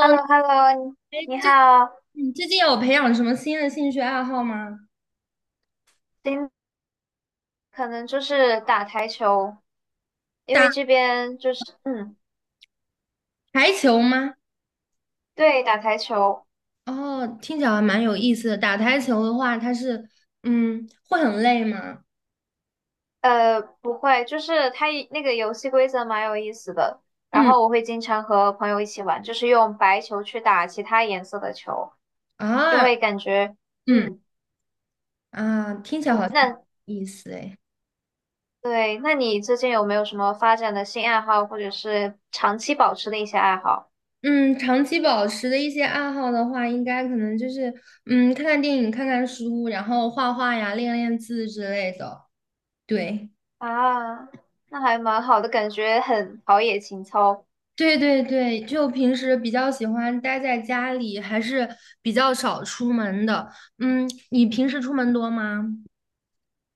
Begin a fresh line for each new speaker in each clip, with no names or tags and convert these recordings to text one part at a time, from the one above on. h e l l o hello
哎，
你
最
好。
你最近有培养什么新的兴趣爱好吗？
今可能就是打台球，因为这
打
边就是
台球吗？
对，打台球。
哦，听起来还蛮有意思的。打台球的话，它是会很累吗？
不会，就是它一那个游戏规则蛮有意思的。然
嗯
后我会经常和朋友一起玩，就是用白球去打其他颜色的球，就
啊，
会感觉
嗯
嗯
啊，听起来好
嗯，
像
那
有意思哎。
对，那你最近有没有什么发展的新爱好，或者是长期保持的一些爱好
嗯，长期保持的一些爱好的话，应该可能就是看看电影、看看书，然后画画呀、练练字之类的。对。
啊？那还蛮好的，感觉很陶冶情操。
对对对，就平时比较喜欢待在家里，还是比较少出门的。你平时出门多吗？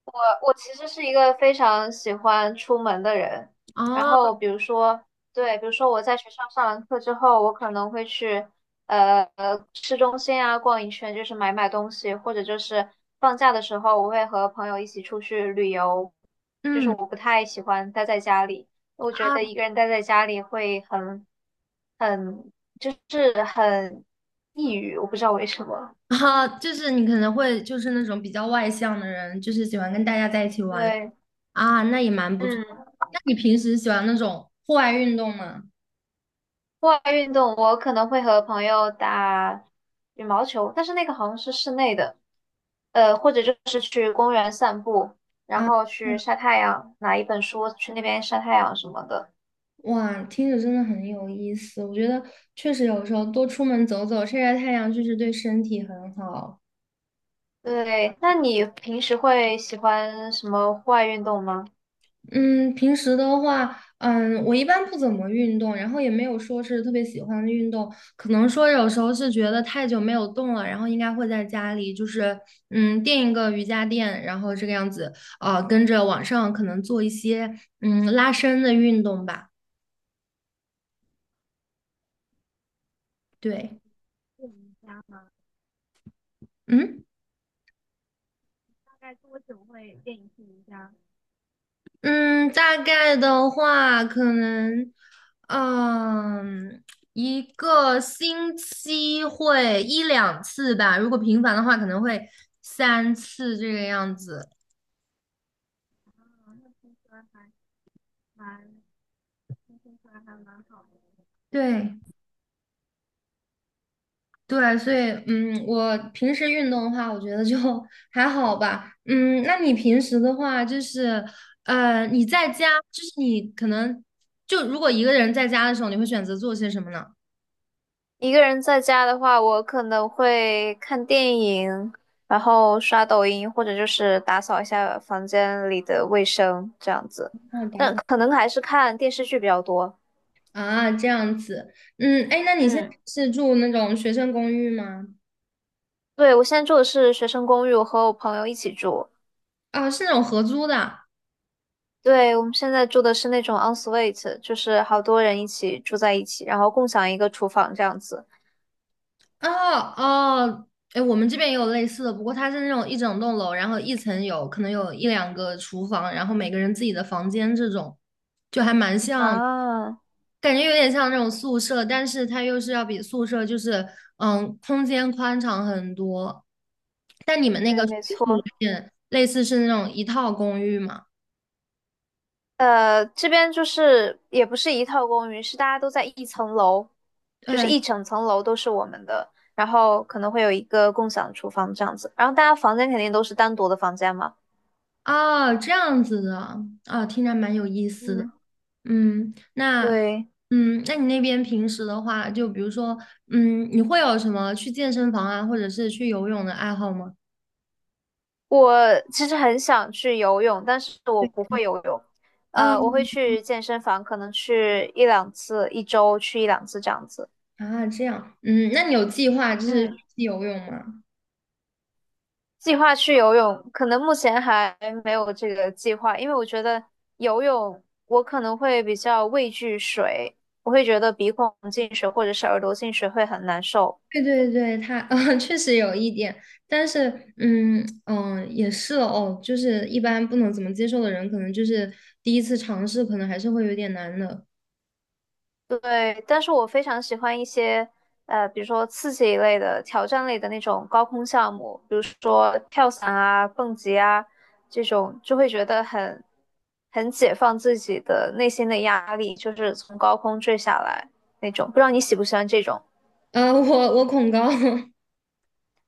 我我其实是一个非常喜欢出门的人，然
哦，
后比如说，对，比如说我在学校上完课之后，我可能会去市中心啊逛一圈，就是买买东西，或者就是放假的时候，我会和朋友一起出去旅游，就是
嗯
我不太喜欢待在家里，我
啊
觉得一个人待在家里会很很就是很抑郁，我不知道为什么，
啊，就是你可能会就是那种比较外向的人，就是喜欢跟大家在一起玩
对，
啊，那也蛮不错。
嗯
那你平时喜欢那种户外运动吗？
户外运动，我可能会和朋友打羽毛球，但是那个好像是室内的，或者就是去公园散步，然
啊，
后去
嗯
晒太阳，拿一本书去那边晒太阳什么的。
哇，听着真的很有意思。我觉得确实有时候多出门走走，晒晒太阳，确实对身体很好。
对，那你平时会喜欢什么户外运动吗？
嗯，平时的话，我一般不怎么运动，然后也没有说是特别喜欢的运动，可能说有时候是觉得太久没有动了，然后应该会在家里就是垫一个瑜伽垫，然后这个样子，跟着网上可能做一些拉伸的运动吧，对，
练一下，
嗯。
大概多久会练一次瑜伽？
嗯，大概的话，可能，嗯，一个星期会一两次吧。如果频繁的话，可能会三次这个样子。
蛮轻松的，还蛮好的。
对对，所以我平时运动的话，我觉得就 还好吧。嗯，那你平时的话，就是你在家，就是你可能就如果一个人在家的时候，你会选择做些什么呢？
一个人在家的话，我可能会看电影，然后刷抖音，或者就是打扫一下房间里的卫生这样子。
哦打
但
扫
可能还是看电视剧比较多。
啊，这样子，哎，那你现在
嗯，
是住那种学生公寓吗？
对，我现在住的是学生公寓，我和我朋友一起住。
啊，是那种合租的。
对，我们现在住的是那种 onsuite 就是好多人一起住在一起，然后共享一个厨房这样子。
哦哦，哎，我们这边也有类似的，不过它是那种一整栋楼，然后一层有可能有一两个厨房，然后每个人自己的房间这种，就还蛮像，
啊，
感觉有点像那种宿舍，但是它又是要比宿舍就是空间宽敞很多。但你们那
对，
个属
没
于是有
错。
点类似是那种一套公寓嘛？
这边就是也不是一套公寓，是大家都在一层楼，就是
对，
一整层楼都是我们的，然后可能会有一个共享厨房这样子，然后大家房间肯定都是单独的房间嘛。
哦，这样子的，啊、听着蛮有意思的。
嗯，
嗯，那，
对，
那你那边平时的话，就比如说，你会有什么去健身房啊，或者是去游泳的爱好吗？
我其实很想去游泳，但是我不会游泳，我会
嗯，
去健身房，可能去一两次，一周去一两次这样子。
啊，这样，那你有计划就是去
嗯。
游泳吗？
计划去游泳，可能目前还没有这个计划，因为我觉得游泳我可能会比较畏惧水，我会觉得鼻孔进水或者是耳朵进水会很难受。
对对对，确实有一点，但是，嗯嗯、也是哦，就是一般不能怎么接受的人，可能就是第一次尝试，可能还是会有点难的。
对，但是我非常喜欢一些比如说刺激一类的、挑战类的那种高空项目，比如说跳伞啊、蹦极啊这种，就会觉得很解放自己的内心的压力，就是从高空坠下来那种。不知道你喜不喜欢这种？
我恐高。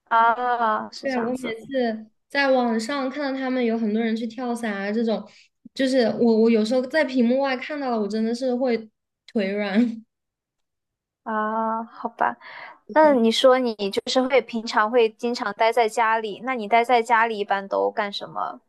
啊，是
对，
这
我
样
每
子
次在网上看到他们有很多人去跳伞啊，这种，就是我有时候在屏幕外看到了，我真的是会腿软。
啊，好吧。那
对，
你说你就是会平常会经常待在家里，那你待在家里一般都干什么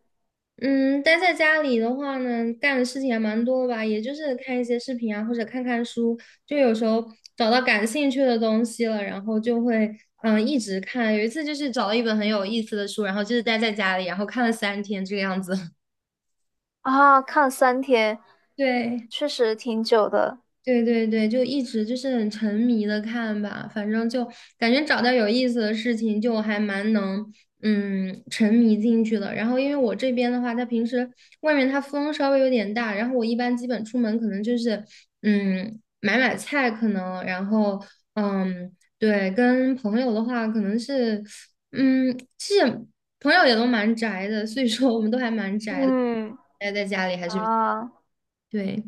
嗯，待在家里的话呢，干的事情还蛮多吧，也就是看一些视频啊，或者看看书，就有时候找到感兴趣的东西了，然后就会一直看。有一次就是找了一本很有意思的书，然后就是待在家里，然后看了3天这个样子。
啊？看3天，
对。
确实挺久的。
对对对，就一直就是很沉迷的看吧，反正就感觉找到有意思的事情，就还蛮能沉迷进去的。然后因为我这边的话，它平时外面它风稍微有点大，然后我一般基本出门可能就是买买菜，可能然后嗯对，跟朋友的话可能是其实朋友也都蛮宅的，所以说我们都还蛮宅的，
嗯
待在家里还是比
啊，
对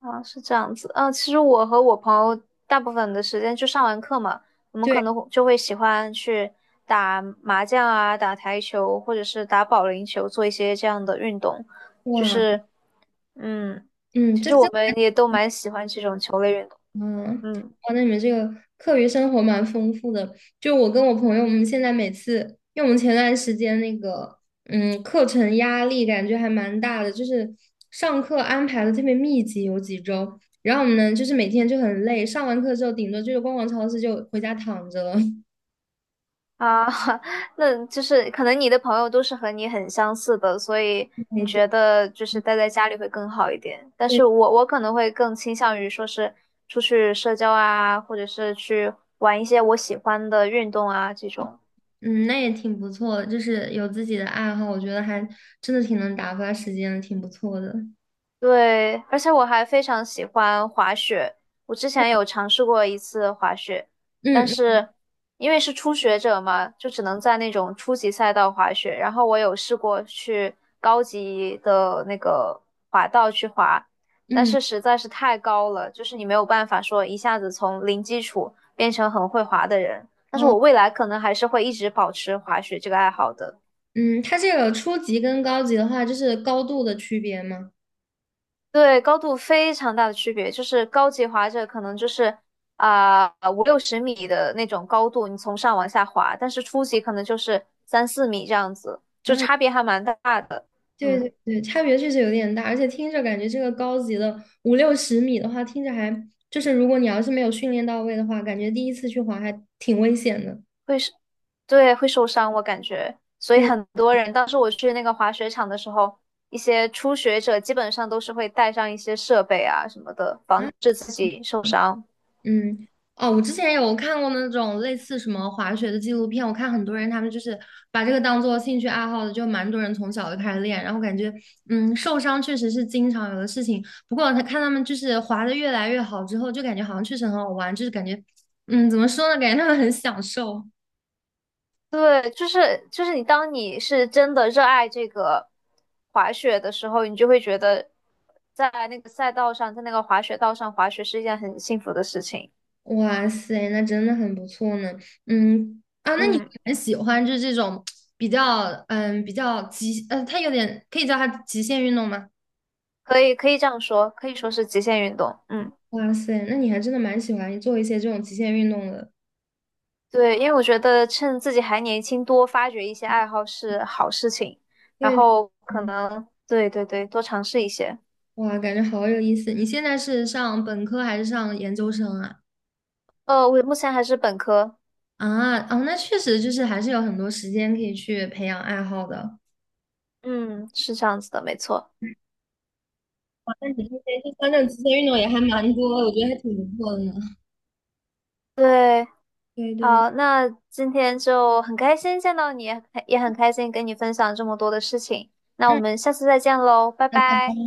啊，是这样子。嗯，其实我和我朋友大部分的时间就上完课嘛，我们可
对
能就会喜欢去打麻将啊、打台球，或者是打保龄球，做一些这样的运动。就
哇
是，嗯，
嗯
其
这
实我
真。
们也都蛮喜欢这种球类运动。
嗯，
嗯。
哇，那你们这个课余生活蛮丰富的。就我跟我朋友，我们现在每次，因为我们前段时间那个，课程压力感觉还蛮大的，就是上课安排的特别密集，有几周，然后我们呢，就是每天就很累，上完课之后，顶多就是逛逛超市，就回家躺着了。
啊，那就是可能你的朋友都是和你很相似的，所以你
哎，对
觉得就是待在家里会更好一点。但
对，
是我可能会更倾向于说是出去社交啊，或者是去玩一些我喜欢的运动啊这种。
嗯，那也挺不错的，就是有自己的爱好，我觉得还真的挺能打发时间的，挺不错的。
对，而且我还非常喜欢滑雪。我之前有尝试过一次滑雪，但
嗯
是因为是初学者嘛，就只能在那种初级赛道滑雪。然后我有试过去高级的那个滑道去滑，但
嗯嗯，
是实在是太高了，就是你没有办法说一下子从零基础变成很会滑的人。但是
哦，
我未来可能还是会一直保持滑雪这个爱好的。
嗯，它这个初级跟高级的话，就是高度的区别吗？
对，高度非常大的区别，就是高级滑者可能就是啊56十米的那种高度，你从上往下滑，但是初级可能就是3~4米这样子，
啊，
就差别还蛮大的。
对对
嗯，
对，差别确实有点大，而且听着感觉这个高级的五六十米的话，听着还就是如果你要是没有训练到位的话，感觉第一次去滑还挺危险的。
会是，对，会受伤，我感觉。所以
对
很多人，当时我去那个滑雪场的时候，一些初学者基本上都是会带上一些设备啊什么的，
啊，
防止自己受伤。
嗯，哦，我之前有看过那种类似什么滑雪的纪录片，我看很多人他们就是把这个当做兴趣爱好的，就蛮多人从小就开始练，然后感觉，受伤确实是经常有的事情。不过他看他们就是滑的越来越好之后，就感觉好像确实很好玩，就是感觉，怎么说呢，感觉他们很享受。
对，就是你，当你是真的热爱这个滑雪的时候，你就会觉得在那个赛道上，在那个滑雪道上滑雪是一件很幸福的事情，
哇塞，那真的很不错呢。啊，那你
嗯
很喜欢就是这种比较，嗯，比较极，呃，他有点可以叫他极限运动吗？
可以可以这样说，可以说是极限运动。嗯，
哇塞，那你还真的蛮喜欢做一些这种极限运动的。
对，因为我觉得趁自己还年轻，多发掘一些爱好是好事情，然
对，
后可
嗯
能对对对，多尝试一些。
哇，感觉好有意思。你现在是上本科还是上研究生啊？
我目前还是本科，
啊，哦，那确实就是还是有很多时间可以去培养爱好的。
嗯，是这样子的，没错。
哇，那你这些就像这种极限运动也还蛮多我觉得还挺不错的呢。
对。
对对，
好，那今天就很开心见到你，也很开心跟你分享这么多的事情。那我
嗯，
们下次再见喽，拜
那拜拜。
拜。